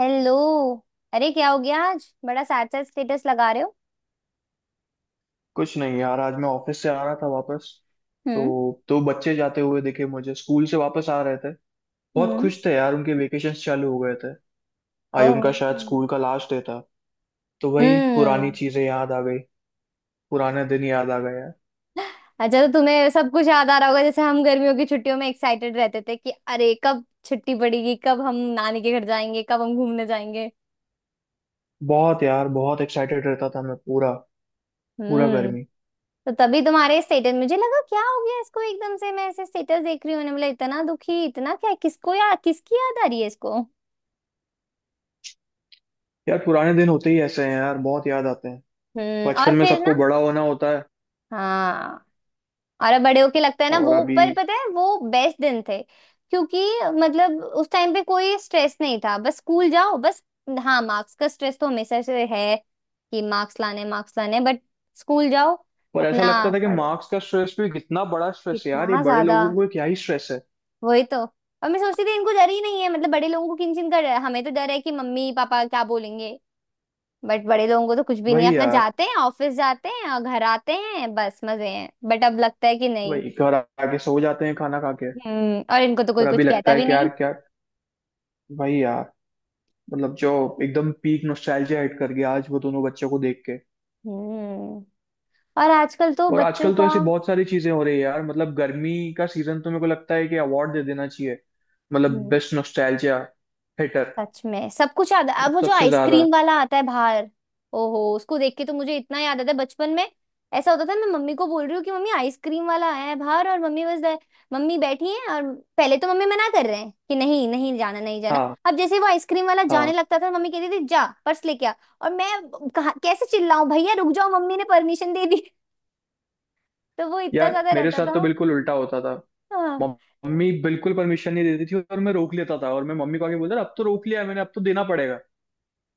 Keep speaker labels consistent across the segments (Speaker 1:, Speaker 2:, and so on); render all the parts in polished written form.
Speaker 1: Hello. अरे क्या हो गया, आज बड़ा सैड सैड स्टेटस लगा रहे हो?
Speaker 2: कुछ नहीं यार, आज मैं ऑफिस से आ रहा था वापस,
Speaker 1: हम्म।
Speaker 2: तो दो बच्चे जाते हुए दिखे मुझे, स्कूल से वापस आ रहे थे। बहुत
Speaker 1: हम्म।
Speaker 2: खुश थे यार, उनके वेकेशन चालू हो गए थे। आज उनका
Speaker 1: ओह।
Speaker 2: शायद स्कूल का लास्ट डे था। तो वही पुरानी
Speaker 1: हम्म।
Speaker 2: चीजें याद आ गई पुराने दिन याद आ गए यार।
Speaker 1: अच्छा, तो तुम्हें सब कुछ याद आ रहा होगा जैसे हम गर्मियों की छुट्टियों में एक्साइटेड रहते थे कि अरे कब छुट्टी पड़ेगी, कब हम नानी के घर जाएंगे, कब हम घूमने जाएंगे।
Speaker 2: बहुत यार, बहुत एक्साइटेड रहता था मैं पूरा। पूरा
Speaker 1: हम्म।
Speaker 2: गर्मी।
Speaker 1: तो तभी तुम्हारे स्टेटस मुझे लगा क्या हो गया इसको, एकदम से मैं ऐसे स्टेटस देख रही हूँ, मैंने बोला इतना दुखी इतना क्या, किसको या किसकी याद आ रही है इसको।
Speaker 2: यार पुराने दिन होते ही ऐसे हैं यार, बहुत याद आते हैं।
Speaker 1: हम्म, और
Speaker 2: बचपन में
Speaker 1: फिर
Speaker 2: सबको
Speaker 1: ना।
Speaker 2: बड़ा होना होता है।
Speaker 1: हाँ। और बड़े होके लगता है ना
Speaker 2: और
Speaker 1: वो,
Speaker 2: अभी,
Speaker 1: पर पता है वो बेस्ट दिन थे। क्योंकि मतलब उस टाइम पे कोई स्ट्रेस नहीं था, बस स्कूल जाओ बस। हाँ, मार्क्स का स्ट्रेस तो हमेशा से है कि मार्क्स लाने मार्क्स लाने, बट स्कूल जाओ,
Speaker 2: पर ऐसा लगता
Speaker 1: अपना
Speaker 2: था कि
Speaker 1: पढ़ो।
Speaker 2: मार्क्स का स्ट्रेस भी कितना बड़ा स्ट्रेस है यार, ये
Speaker 1: कितना
Speaker 2: बड़े
Speaker 1: ज्यादा।
Speaker 2: लोगों को क्या ही स्ट्रेस है।
Speaker 1: वही तो। और मैं सोचती थी इनको डर ही नहीं है, मतलब बड़े लोगों को किन चिन का डर है। हमें तो डर है कि मम्मी पापा क्या बोलेंगे, बट बड़े लोगों को तो कुछ भी नहीं है,
Speaker 2: वही
Speaker 1: अपना
Speaker 2: यार,
Speaker 1: जाते हैं ऑफिस जाते हैं और घर आते हैं बस मजे हैं, बट अब लगता है कि नहीं।
Speaker 2: भाई घर आके सो जाते हैं खाना खा के।
Speaker 1: हम्म, और इनको तो कोई
Speaker 2: पर अभी
Speaker 1: कुछ
Speaker 2: लगता
Speaker 1: कहता
Speaker 2: है
Speaker 1: भी
Speaker 2: कि यार
Speaker 1: नहीं।
Speaker 2: क्या, भाई यार, मतलब जो, एकदम पीक नोस्टैल्जिया हिट कर गया आज वो दोनों बच्चों को देख के।
Speaker 1: हम्म, और आजकल तो
Speaker 2: और
Speaker 1: बच्चों
Speaker 2: आजकल तो
Speaker 1: का।
Speaker 2: ऐसी बहुत सारी चीजें हो रही है यार, मतलब गर्मी का सीजन, तो मेरे को लगता है कि अवार्ड दे देना चाहिए, मतलब
Speaker 1: हम्म।
Speaker 2: Best nostalgia hitter.
Speaker 1: सच में सब कुछ याद। अब
Speaker 2: मतलब
Speaker 1: वो जो
Speaker 2: सबसे ज्यादा।
Speaker 1: आइसक्रीम वाला आता है बाहर, ओहो उसको देख के तो मुझे इतना याद आता है बचपन में। ऐसा होता था मैं मम्मी को बोल रही हूँ कि मम्मी आइसक्रीम वाला आया है बाहर, और मम्मी बैठी है और पहले तो मम्मी मना कर रहे हैं कि नहीं नहीं जाना नहीं जाना,
Speaker 2: हाँ,
Speaker 1: अब जैसे ही वो आइसक्रीम वाला
Speaker 2: हाँ।
Speaker 1: जाने लगता था मम्मी कहती थी जा पर्स लेके आ। और मैं कहा कैसे चिल्लाऊं भैया रुक जाओ, मम्मी ने परमिशन दे दी तो वो इतना
Speaker 2: यार
Speaker 1: ज्यादा
Speaker 2: मेरे
Speaker 1: रहता
Speaker 2: साथ
Speaker 1: था।
Speaker 2: तो बिल्कुल उल्टा होता था।
Speaker 1: हाँ।
Speaker 2: मम्मी बिल्कुल परमिशन नहीं देती थी और मैं रोक लेता था, और मैं मम्मी को आके बोलता था, अब तो रोक लिया मैंने, अब तो देना पड़ेगा।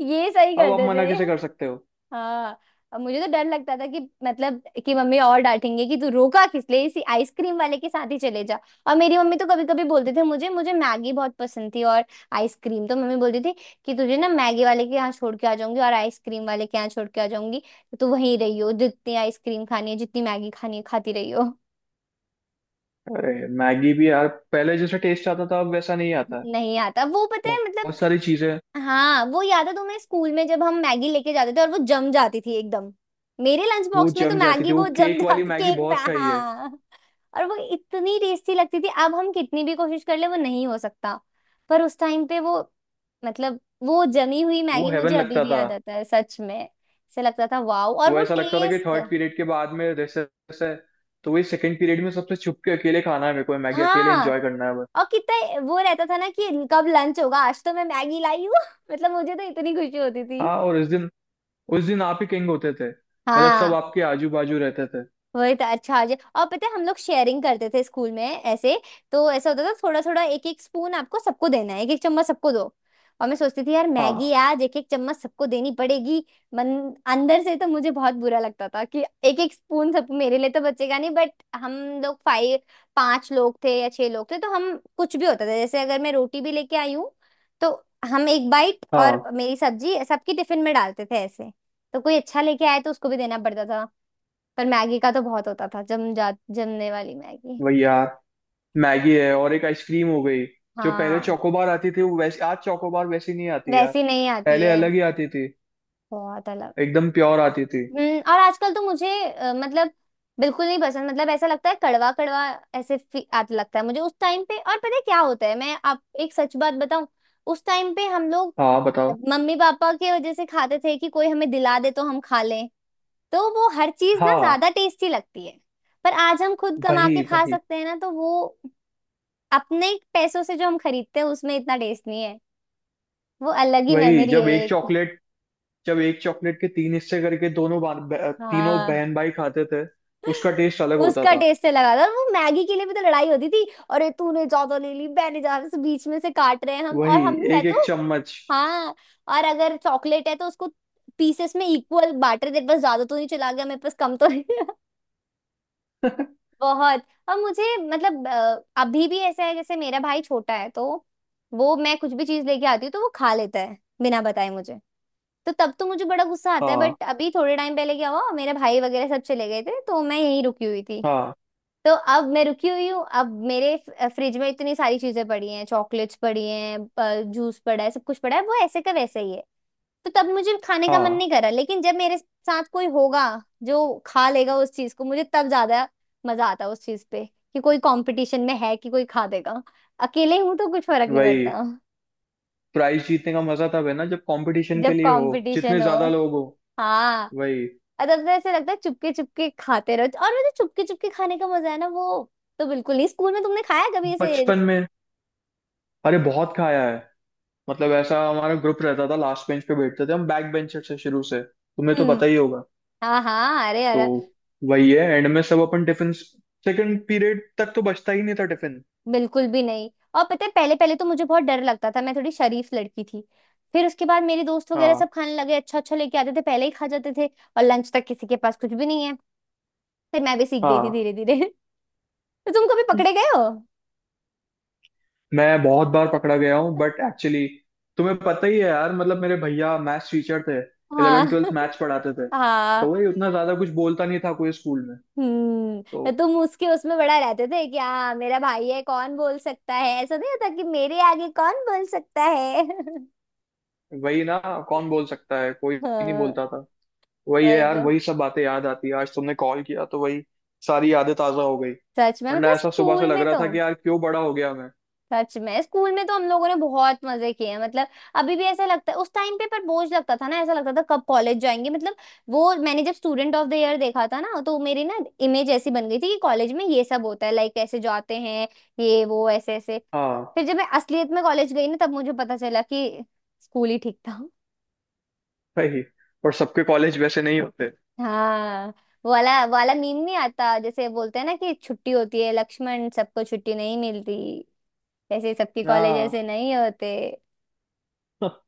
Speaker 1: ये सही
Speaker 2: अब आप
Speaker 1: करते
Speaker 2: मना
Speaker 1: थे।
Speaker 2: कैसे कर सकते हो।
Speaker 1: हाँ। अब मुझे तो डर लगता था कि मतलब कि मम्मी और डांटेंगे कि तू रोका किस लिए, इसी आइसक्रीम वाले के साथ ही चले जा। और मेरी मम्मी तो कभी कभी बोलते थे मुझे मुझे मैगी बहुत पसंद थी, और आइसक्रीम तो मम्मी बोलती थी कि तुझे ना मैगी वाले के यहाँ छोड़ के आ जाऊंगी और आइसक्रीम वाले के यहाँ छोड़ के आ जाऊंगी, तो तू वहीं रही हो जितनी आइसक्रीम खानी है जितनी मैगी खानी है खाती रही हो।
Speaker 2: अरे, मैगी भी यार, पहले जैसा टेस्ट आता था अब वैसा नहीं आता है।
Speaker 1: नहीं आता वो, पता है मतलब।
Speaker 2: बहुत सारी चीजें।
Speaker 1: हाँ, वो याद है तुम्हें स्कूल में जब हम मैगी लेके जाते थे और वो जम जाती थी एकदम, मेरे लंच
Speaker 2: वो
Speaker 1: बॉक्स में तो
Speaker 2: जम जाती थी,
Speaker 1: मैगी
Speaker 2: वो
Speaker 1: वो जम
Speaker 2: केक वाली
Speaker 1: जाती
Speaker 2: मैगी
Speaker 1: केक पे।
Speaker 2: बहुत खाई है।
Speaker 1: हाँ, और वो इतनी टेस्टी लगती थी, अब हम कितनी भी कोशिश कर ले वो नहीं हो सकता। पर उस टाइम पे वो, मतलब वो जमी हुई
Speaker 2: वो
Speaker 1: मैगी
Speaker 2: हेवन
Speaker 1: मुझे अभी
Speaker 2: लगता
Speaker 1: भी
Speaker 2: था।
Speaker 1: याद आता है, सच में ऐसे लगता था वाओ, और
Speaker 2: वो
Speaker 1: वो
Speaker 2: ऐसा लगता था कि
Speaker 1: टेस्ट।
Speaker 2: थर्ड पीरियड के बाद में रेसेस है, तो वही सेकंड पीरियड में सबसे छुप के अकेले खाना है, मेरे को मैगी अकेले
Speaker 1: हाँ।
Speaker 2: एंजॉय करना है बस।
Speaker 1: और कितना वो रहता था ना कि कब लंच होगा, आज तो मैं मैगी लाई हूँ मतलब मुझे तो इतनी खुशी होती थी।
Speaker 2: हाँ, और उस दिन, उस दिन आप ही किंग होते थे, मतलब सब
Speaker 1: हाँ।
Speaker 2: आपके आजू बाजू रहते थे।
Speaker 1: वही तो, अच्छा आज। और पता है हम लोग शेयरिंग करते थे स्कूल में ऐसे, तो ऐसा होता था थोड़ा थोड़ा एक एक स्पून आपको सबको देना है, एक एक चम्मच सबको दो। और मैं सोचती थी यार मैगी
Speaker 2: हाँ,
Speaker 1: आज एक एक चम्मच सबको देनी पड़ेगी। मन अंदर से तो मुझे बहुत बुरा लगता था कि एक एक स्पून सब मेरे लिए तो बचेगा नहीं, बट हम लोग फाइव पांच लोग थे या छह लोग थे, तो हम कुछ भी होता था जैसे अगर मैं रोटी भी लेके आई हूँ, तो हम एक बाइट और
Speaker 2: हाँ।
Speaker 1: मेरी सब्जी सबकी टिफिन में डालते थे ऐसे, तो कोई अच्छा लेके आए तो उसको भी देना पड़ता था। पर मैगी का तो बहुत होता था, जम जा जमने वाली मैगी।
Speaker 2: वही यार, मैगी है और एक आइसक्रीम हो गई। जो पहले
Speaker 1: हाँ।
Speaker 2: चोकोबार आती थी वो, वैसे आज चोकोबार वैसी नहीं आती यार।
Speaker 1: वैसी नहीं आती
Speaker 2: पहले
Speaker 1: है।
Speaker 2: अलग ही आती थी।
Speaker 1: बहुत अलग।
Speaker 2: एकदम प्योर आती थी।
Speaker 1: हम्म, और आजकल तो मुझे मतलब बिल्कुल नहीं पसंद, मतलब ऐसा लगता है कड़वा कड़वा ऐसे आने लगता है मुझे उस टाइम पे। और पता है क्या होता है, मैं आप एक सच बात बताऊं, उस टाइम पे हम लोग
Speaker 2: हाँ, बताओ।
Speaker 1: मम्मी पापा के वजह से खाते थे कि कोई हमें दिला दे तो हम खा लें, तो वो हर चीज ना
Speaker 2: हाँ,
Speaker 1: ज्यादा टेस्टी लगती है। पर आज हम खुद कमा
Speaker 2: वही
Speaker 1: के खा
Speaker 2: वही
Speaker 1: सकते हैं ना, तो वो अपने पैसों से जो हम खरीदते हैं उसमें इतना टेस्ट नहीं। वो अलग ही
Speaker 2: वही।
Speaker 1: मेमोरी है
Speaker 2: जब एक
Speaker 1: एक।
Speaker 2: चॉकलेट, जब एक चॉकलेट के तीन हिस्से करके दोनों तीनों
Speaker 1: हाँ।
Speaker 2: बहन भाई खाते थे, उसका टेस्ट अलग होता
Speaker 1: उसका
Speaker 2: था।
Speaker 1: टेस्ट लगा था। और वो मैगी के लिए भी तो लड़ाई होती थी, अरे तूने ज्यादा ले ली मैंने ज्यादा से, बीच में से काट रहे हैं हम, और
Speaker 2: वही
Speaker 1: हम मैं
Speaker 2: एक एक
Speaker 1: तो।
Speaker 2: चम्मच।
Speaker 1: हाँ। और अगर चॉकलेट है तो उसको पीसेस में इक्वल बांट रहे थे, बस ज्यादा तो नहीं चला गया मेरे पास कम तो नहीं गया। बहुत। और मुझे मतलब अभी भी ऐसा है जैसे मेरा भाई छोटा है तो वो, मैं कुछ भी चीज लेके आती हूँ तो वो खा लेता है बिना बताए मुझे, तो तब तो मुझे बड़ा गुस्सा आता है।
Speaker 2: हाँ।
Speaker 1: बट अभी थोड़े टाइम पहले क्या हुआ, मेरे भाई वगैरह सब चले गए थे तो मैं यहीं रुकी हुई थी।
Speaker 2: हाँ,
Speaker 1: तो अब मैं रुकी हुई हूँ, अब मेरे फ्रिज में इतनी सारी चीजें पड़ी हैं, चॉकलेट्स पड़ी हैं, जूस पड़ा है, सब कुछ पड़ा है, वो ऐसे का वैसे ही है। तो तब मुझे खाने का मन
Speaker 2: हाँ।
Speaker 1: नहीं करा, लेकिन जब मेरे साथ कोई होगा जो खा लेगा उस चीज को, मुझे तब ज्यादा मजा आता है उस चीज पे कि कोई कंपटीशन में है कि कोई खा देगा। अकेले हूं तो कुछ फर्क नहीं
Speaker 2: वही,
Speaker 1: पड़ता।
Speaker 2: प्राइज जीतने का मजा तब है ना, जब कंपटीशन के
Speaker 1: जब
Speaker 2: लिए हो।
Speaker 1: कंपटीशन
Speaker 2: जितने
Speaker 1: हो।
Speaker 2: ज्यादा लोग हो
Speaker 1: हाँ।
Speaker 2: वही।
Speaker 1: और तब तो ऐसे लगता है चुपके चुपके खाते रहो, और वो जो चुपके चुपके खाने का मजा है ना वो तो बिल्कुल नहीं। स्कूल में तुमने खाया है कभी ऐसे?
Speaker 2: बचपन में, अरे बहुत खाया है। मतलब ऐसा हमारा ग्रुप रहता था, लास्ट बेंच पे बैठते थे हम, बैक बेंचर से शुरू से, तुम्हें तो
Speaker 1: हम्म।
Speaker 2: पता ही होगा।
Speaker 1: हाँ हाँ, अरे
Speaker 2: तो
Speaker 1: अरे।
Speaker 2: वही है, एंड में सब अपन टिफिन, सेकंड पीरियड तक तो बचता ही नहीं था टिफिन।
Speaker 1: बिल्कुल भी नहीं। और पता है पहले पहले तो मुझे बहुत डर लगता था, मैं थोड़ी शरीफ लड़की थी, फिर उसके बाद मेरे दोस्त वगैरह सब
Speaker 2: हाँ,
Speaker 1: खाने लगे, अच्छा अच्छा लेके आते थे पहले ही खा जाते थे और लंच तक किसी के पास कुछ भी नहीं है, फिर मैं भी सीख गई थी
Speaker 2: हाँ।
Speaker 1: धीरे धीरे तो तुम कभी पकड़े गए हो?
Speaker 2: मैं बहुत बार पकड़ा गया हूँ, बट एक्चुअली तुम्हें पता ही है यार, मतलब मेरे भैया मैथ्स टीचर थे। 11
Speaker 1: हाँ
Speaker 2: ट्वेल्थ मैथ्स पढ़ाते थे। तो
Speaker 1: हाँ।
Speaker 2: वही, उतना ज्यादा कुछ बोलता नहीं था कोई स्कूल में।
Speaker 1: हम्म,
Speaker 2: तो
Speaker 1: तो तुम उसके उसमें बड़ा रहते थे कि हाँ मेरा भाई है कौन बोल सकता है, ऐसा नहीं होता कि मेरे आगे कौन बोल सकता है
Speaker 2: वही ना, कौन बोल सकता है, कोई नहीं
Speaker 1: हाँ
Speaker 2: बोलता था। वही है
Speaker 1: वही
Speaker 2: यार,
Speaker 1: तो।
Speaker 2: वही सब बातें याद आती है आज तुमने कॉल किया तो वही सारी यादें ताजा हो गई
Speaker 1: सच में
Speaker 2: वरना
Speaker 1: मतलब
Speaker 2: ऐसा सुबह से
Speaker 1: स्कूल
Speaker 2: लग
Speaker 1: में
Speaker 2: रहा
Speaker 1: तो,
Speaker 2: था कि यार क्यों बड़ा हो गया मैं।
Speaker 1: सच में स्कूल में तो हम लोगों ने बहुत मजे किए हैं मतलब। अभी भी ऐसा लगता है, उस टाइम पे पर बोझ लगता था ना, ऐसा लगता था कब कॉलेज जाएंगे मतलब। वो मैंने जब स्टूडेंट ऑफ द ईयर देखा था ना, तो मेरी ना इमेज ऐसी बन गई थी कि कॉलेज में ये सब होता है, लाइक ऐसे जाते हैं ये वो ऐसे ऐसे।
Speaker 2: हाँ।
Speaker 1: फिर जब मैं असलियत में कॉलेज गई ना तब मुझे पता चला कि स्कूल ही ठीक था।
Speaker 2: भाई, और सबके कॉलेज वैसे नहीं होते।
Speaker 1: हाँ। वो वाला मीम नहीं आता, जैसे बोलते हैं ना कि छुट्टी होती है लक्ष्मण, सबको छुट्टी नहीं मिलती, जैसे सबकी कॉलेज
Speaker 2: हाँ।
Speaker 1: ऐसे नहीं होते।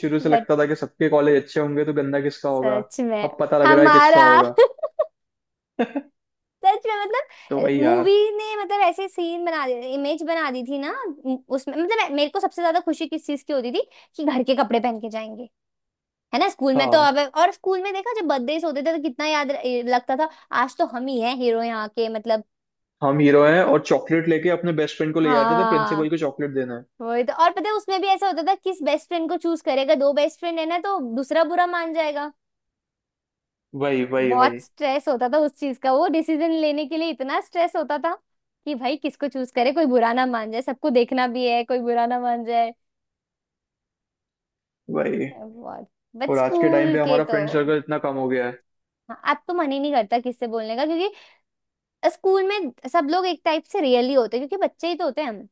Speaker 2: शुरू से
Speaker 1: वही।
Speaker 2: लगता था कि सबके कॉलेज अच्छे होंगे, तो गंदा किसका होगा।
Speaker 1: सच में।
Speaker 2: अब पता लग रहा है किसका
Speaker 1: हमारा
Speaker 2: होगा।
Speaker 1: सच में
Speaker 2: तो
Speaker 1: मतलब
Speaker 2: वही यार।
Speaker 1: मूवी ने मतलब ऐसे सीन बना दिए, इमेज बना दी थी ना, उसमें मतलब मेरे को सबसे ज्यादा खुशी किस चीज की होती थी कि घर के कपड़े पहन के जाएंगे। है ना, स्कूल में तो
Speaker 2: हाँ,
Speaker 1: अब, और स्कूल में देखा जब बर्थडे होते थे तो कितना याद ये लगता था आज तो हम ही हैं हीरो यहाँ के मतलब।
Speaker 2: हम हीरो हैं, और चॉकलेट लेके अपने बेस्ट फ्रेंड को ले जाते थे, प्रिंसिपल
Speaker 1: हाँ
Speaker 2: को चॉकलेट देना है।
Speaker 1: वही तो। और पता है उसमें भी ऐसा होता था किस बेस्ट फ्रेंड को चूज करेगा, दो बेस्ट फ्रेंड है ना तो दूसरा बुरा मान जाएगा।
Speaker 2: वही वही
Speaker 1: बहुत
Speaker 2: वही।
Speaker 1: स्ट्रेस होता था उस चीज का, वो डिसीजन लेने के लिए इतना स्ट्रेस होता था कि भाई किसको चूज करे, कोई बुरा ना मान जाए, सबको देखना भी है कोई बुरा ना मान जाए।
Speaker 2: वही,
Speaker 1: बहुत। बट
Speaker 2: और आज के टाइम
Speaker 1: स्कूल
Speaker 2: पे
Speaker 1: के
Speaker 2: हमारा
Speaker 1: तो।
Speaker 2: फ्रेंड सर्कल इतना कम हो गया है।
Speaker 1: हाँ, अब तो मन ही नहीं करता किससे बोलने का, क्योंकि स्कूल में सब लोग एक टाइप से रियल ही होते हैं, क्योंकि बच्चे ही तो होते हैं हम।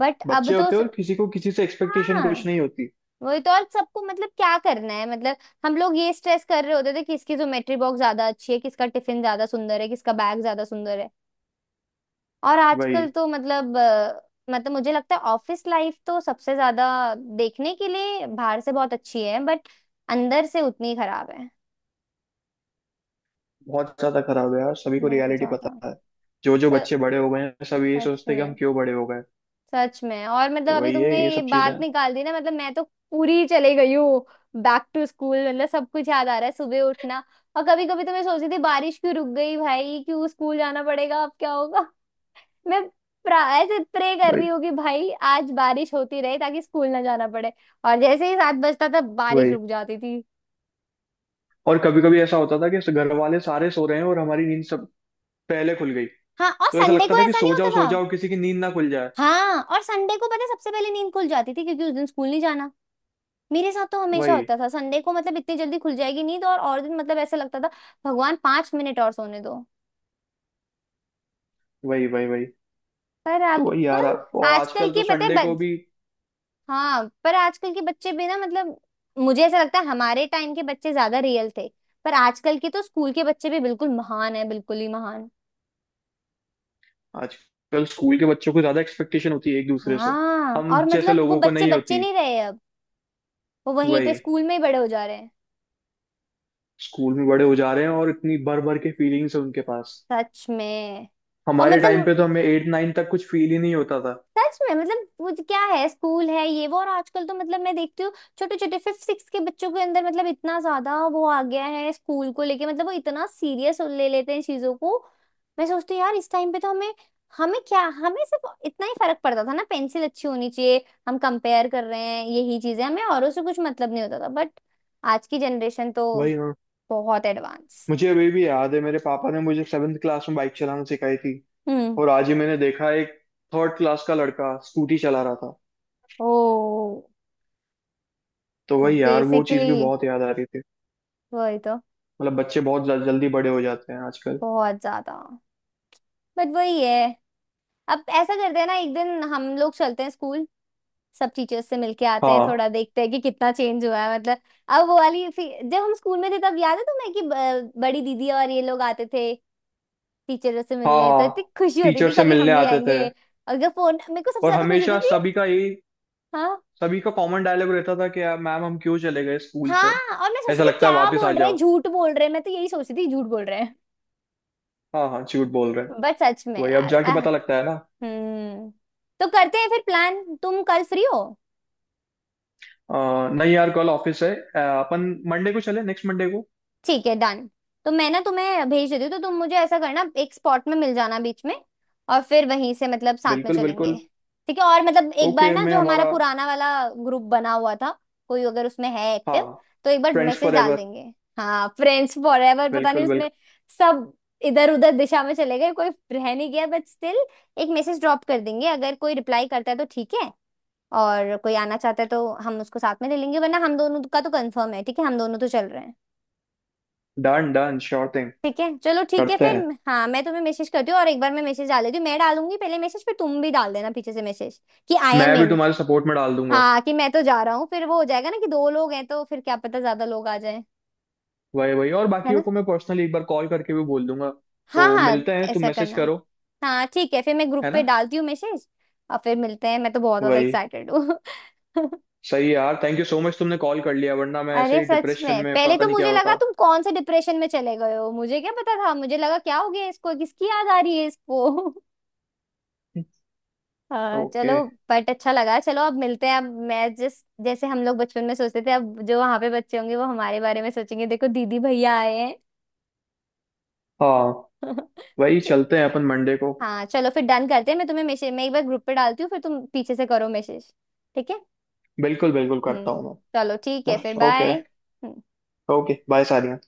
Speaker 1: बट अब
Speaker 2: बच्चे
Speaker 1: तो
Speaker 2: होते हैं, और किसी को किसी से एक्सपेक्टेशन कुछ
Speaker 1: हाँ,
Speaker 2: नहीं होती।
Speaker 1: वही तो। और सबको मतलब क्या करना है मतलब हम लोग ये स्ट्रेस कर रहे होते थे किसकी ज्योमेट्री बॉक्स ज्यादा अच्छी है, किसका टिफिन ज्यादा सुंदर है, किसका बैग ज्यादा सुंदर है। और
Speaker 2: वही,
Speaker 1: आजकल तो मतलब मतलब मुझे लगता है ऑफिस लाइफ तो सबसे ज्यादा देखने के लिए बाहर से बहुत अच्छी है, बट अंदर से उतनी खराब है।
Speaker 2: बहुत ज्यादा खराब है यार, सभी को
Speaker 1: बहुत
Speaker 2: रियलिटी
Speaker 1: ज्यादा।
Speaker 2: पता है। जो जो
Speaker 1: अ,
Speaker 2: बच्चे बड़े हो गए हैं सब यही
Speaker 1: सच
Speaker 2: सोचते हैं कि हम
Speaker 1: में।
Speaker 2: क्यों बड़े हो गए।
Speaker 1: सच में। और
Speaker 2: तो
Speaker 1: मतलब अभी
Speaker 2: वही है,
Speaker 1: तुमने
Speaker 2: ये
Speaker 1: ये
Speaker 2: सब चीजें
Speaker 1: बात
Speaker 2: हैं।
Speaker 1: निकाल दी ना, मतलब मैं तो पूरी चले गई हूँ बैक टू स्कूल। मतलब सब कुछ याद आ रहा है, सुबह उठना। और कभी कभी तो मैं सोचती थी बारिश क्यों रुक गई भाई, क्यों स्कूल जाना पड़ेगा, अब क्या होगा। मैं ऐसे प्रे कर रही
Speaker 2: वही
Speaker 1: हूँ कि भाई आज बारिश होती रहे ताकि स्कूल ना जाना पड़े। और जैसे ही 7 बजता था बारिश
Speaker 2: वही।
Speaker 1: रुक जाती थी।
Speaker 2: और कभी कभी ऐसा होता था कि ऐसे घर वाले सारे सो रहे हैं और हमारी नींद सब पहले खुल गई।
Speaker 1: हाँ, और
Speaker 2: तो ऐसा
Speaker 1: संडे
Speaker 2: लगता
Speaker 1: को
Speaker 2: था कि
Speaker 1: ऐसा नहीं
Speaker 2: सो
Speaker 1: होता
Speaker 2: जाओ सो
Speaker 1: था।
Speaker 2: जाओ, किसी की नींद ना खुल जाए।
Speaker 1: हाँ, और संडे को पता है सबसे पहले नींद खुल जाती थी क्योंकि उस दिन स्कूल नहीं जाना। मेरे साथ तो हमेशा
Speaker 2: वही
Speaker 1: होता था, संडे को मतलब इतनी जल्दी खुल जाएगी नींद, और दिन मतलब ऐसा लगता था भगवान 5 मिनट और सोने दो।
Speaker 2: वही वही। वही,
Speaker 1: पर
Speaker 2: तो
Speaker 1: अब,
Speaker 2: वही यार,
Speaker 1: पर
Speaker 2: और
Speaker 1: आजकल
Speaker 2: आजकल
Speaker 1: की
Speaker 2: तो
Speaker 1: पता है।
Speaker 2: संडे को भी।
Speaker 1: हाँ, पर आजकल के बच्चे भी ना, मतलब मुझे ऐसा लगता है हमारे टाइम के बच्चे ज्यादा रियल थे। पर आजकल के तो स्कूल के बच्चे भी बिल्कुल महान है, बिल्कुल ही महान।
Speaker 2: आजकल स्कूल के बच्चों को ज्यादा एक्सपेक्टेशन होती है एक दूसरे से।
Speaker 1: हाँ,
Speaker 2: हम
Speaker 1: और
Speaker 2: जैसे
Speaker 1: मतलब वो
Speaker 2: लोगों को
Speaker 1: बच्चे
Speaker 2: नहीं
Speaker 1: बच्चे
Speaker 2: होती।
Speaker 1: नहीं रहे अब। वो वहीं पे
Speaker 2: वही,
Speaker 1: स्कूल में ही बड़े हो जा रहे हैं।
Speaker 2: स्कूल में बड़े हो जा रहे हैं और इतनी भर भर के फीलिंग्स है उनके पास।
Speaker 1: सच में। और
Speaker 2: हमारे टाइम पे
Speaker 1: मतलब
Speaker 2: तो हमें एट नाइन तक कुछ फील ही नहीं होता था।
Speaker 1: सच में मतलब वो जो क्या है स्कूल है ये वो, और आजकल तो मतलब मैं देखती हूँ छोटे छोटे फिफ्थ सिक्स के बच्चों के अंदर मतलब इतना ज्यादा वो आ गया है स्कूल को लेके, मतलब वो इतना सीरियस ले लेते हैं चीजों को। मैं सोचती हूँ यार इस टाइम पे तो हमें, हमें क्या, हमें सिर्फ इतना ही फर्क पड़ता था ना, पेंसिल अच्छी होनी चाहिए, हम कंपेयर कर रहे हैं यही चीजें, हमें औरों से कुछ मतलब नहीं होता था। बट आज की जनरेशन तो
Speaker 2: वही ना।
Speaker 1: बहुत एडवांस।
Speaker 2: मुझे अभी भी याद है, मेरे पापा ने मुझे सेवेंथ क्लास में बाइक चलाना सिखाई थी।
Speaker 1: हम्म।
Speaker 2: और आज ही मैंने देखा, एक थर्ड क्लास का लड़का स्कूटी चला रहा था।
Speaker 1: ओ।
Speaker 2: तो
Speaker 1: तो
Speaker 2: वही यार, वो चीज़
Speaker 1: बेसिकली
Speaker 2: भी बहुत याद आ रही थी।
Speaker 1: वही तो।
Speaker 2: मतलब बच्चे बहुत जल्दी बड़े हो जाते हैं आजकल।
Speaker 1: बहुत ज्यादा। बट वही है। अब ऐसा करते हैं ना, एक दिन हम लोग चलते हैं स्कूल, सब टीचर्स से मिलके आते हैं,
Speaker 2: हाँ,
Speaker 1: थोड़ा देखते हैं कि कितना चेंज हुआ है मतलब। अब वो वाली जब हम स्कूल में थे तब याद है तुम्हें कि बड़ी दीदी और ये लोग आते थे टीचर्स से
Speaker 2: हाँ,
Speaker 1: मिलने, तो इतनी
Speaker 2: हाँ।
Speaker 1: खुशी होती
Speaker 2: टीचर
Speaker 1: थी
Speaker 2: से
Speaker 1: कभी
Speaker 2: मिलने
Speaker 1: हम भी
Speaker 2: आते थे।
Speaker 1: आएंगे। और जब फोन, मेरे को सबसे
Speaker 2: और
Speaker 1: ज्यादा खुशी होती
Speaker 2: हमेशा
Speaker 1: थी।
Speaker 2: सभी का यही,
Speaker 1: हाँ,
Speaker 2: सभी का कॉमन डायलॉग रहता था कि यार मैम हम क्यों चले गए स्कूल से।
Speaker 1: हाँ। और मैं सोचती
Speaker 2: ऐसा
Speaker 1: थी
Speaker 2: लगता है
Speaker 1: क्या
Speaker 2: वापस आ
Speaker 1: बोल रहे
Speaker 2: जाओ।
Speaker 1: हैं, झूठ बोल रहे हैं, मैं तो यही सोचती थी झूठ बोल रहे हैं।
Speaker 2: हाँ, हाँ, झूठ बोल रहे हैं।
Speaker 1: बट सच में
Speaker 2: वही अब
Speaker 1: यार,
Speaker 2: जाके
Speaker 1: वाह।
Speaker 2: पता लगता है ना।
Speaker 1: हम्म। तो करते हैं फिर प्लान। तुम कल फ्री हो?
Speaker 2: नहीं यार, कल ऑफिस है। अपन मंडे को चले नेक्स्ट मंडे को।
Speaker 1: ठीक है, डन। तो मैं ना तुम्हें भेज देती हूँ, तो तुम मुझे ऐसा करना एक स्पॉट में मिल जाना बीच में, और फिर वहीं से मतलब साथ में
Speaker 2: बिल्कुल
Speaker 1: चलेंगे।
Speaker 2: बिल्कुल।
Speaker 1: ठीक है। और मतलब एक बार
Speaker 2: ओके,
Speaker 1: ना,
Speaker 2: मैं
Speaker 1: जो हमारा
Speaker 2: हमारा,
Speaker 1: पुराना वाला ग्रुप बना हुआ था, कोई अगर उसमें है एक्टिव
Speaker 2: हाँ
Speaker 1: तो एक बार
Speaker 2: फ्रेंड्स
Speaker 1: मैसेज
Speaker 2: फॉर
Speaker 1: डाल
Speaker 2: एवर।
Speaker 1: देंगे। हाँ, फ्रेंड्स फॉर एवर, पता नहीं
Speaker 2: बिल्कुल बिल्कुल।
Speaker 1: उसमें सब इधर उधर दिशा में चले गए, कोई रह नहीं गया, बट स्टिल एक मैसेज ड्रॉप कर देंगे, अगर कोई रिप्लाई करता है तो ठीक है, और कोई आना चाहता है तो हम उसको साथ में ले लेंगे, वरना हम दोनों का तो कंफर्म है, ठीक है, हम दोनों तो चल रहे हैं।
Speaker 2: Done done, sure thing.
Speaker 1: ठीक है, चलो, ठीक है
Speaker 2: करते
Speaker 1: फिर।
Speaker 2: हैं,
Speaker 1: हाँ, मैं तुम्हें मैसेज करती हूँ और एक बार मैं मैसेज डाल देती हूँ, मैं डालूंगी पहले मैसेज, फिर तुम भी डाल देना पीछे से मैसेज कि आई एम
Speaker 2: मैं भी
Speaker 1: इन।
Speaker 2: तुम्हारे सपोर्ट में डाल दूंगा।
Speaker 1: हाँ, कि मैं तो जा रहा हूँ, फिर वो हो जाएगा ना कि दो लोग हैं तो फिर क्या पता ज्यादा लोग आ जाए।
Speaker 2: वही वही, और
Speaker 1: है
Speaker 2: बाकियों
Speaker 1: ना।
Speaker 2: को मैं पर्सनली एक बार कॉल करके भी बोल दूंगा।
Speaker 1: हाँ,
Speaker 2: तो
Speaker 1: हाँ,
Speaker 2: मिलते हैं, तुम
Speaker 1: ऐसा
Speaker 2: मैसेज
Speaker 1: करना।
Speaker 2: करो,
Speaker 1: हाँ, ठीक है फिर, मैं
Speaker 2: है
Speaker 1: ग्रुप पे
Speaker 2: ना।
Speaker 1: डालती हूँ मैसेज, और फिर मिलते हैं, मैं तो बहुत ज्यादा
Speaker 2: वही,
Speaker 1: एक्साइटेड हूँ।
Speaker 2: सही है यार, थैंक यू सो मच, तुमने कॉल कर लिया, वरना मैं ऐसे
Speaker 1: अरे
Speaker 2: ही
Speaker 1: सच
Speaker 2: डिप्रेशन
Speaker 1: में,
Speaker 2: में
Speaker 1: पहले
Speaker 2: पता
Speaker 1: तो
Speaker 2: नहीं क्या
Speaker 1: मुझे लगा
Speaker 2: होता।
Speaker 1: तुम कौन से डिप्रेशन में चले गए हो, मुझे क्या पता था, मुझे लगा क्या हो गया इसको, किसकी याद आ रही है इसको। हाँ, चलो।
Speaker 2: ओके।
Speaker 1: बट अच्छा लगा। चलो, अब मिलते हैं, अब मैं जिस जैसे हम लोग बचपन में सोचते थे अब जो वहां पे बच्चे होंगे वो हमारे बारे में सोचेंगे, देखो दीदी भैया आए हैं।
Speaker 2: हाँ, वही,
Speaker 1: च-
Speaker 2: चलते हैं अपन मंडे को।
Speaker 1: हाँ, चलो फिर, डन करते हैं, मैं तुम्हें मैसेज, मैं एक बार ग्रुप पे डालती हूँ फिर तुम पीछे से करो मैसेज। ठीक है।
Speaker 2: बिल्कुल बिल्कुल, करता
Speaker 1: हम्म।
Speaker 2: हूँ
Speaker 1: चलो, ठीक
Speaker 2: मैं।
Speaker 1: है फिर,
Speaker 2: ओके।
Speaker 1: बाय।
Speaker 2: ओके बाय सारिया।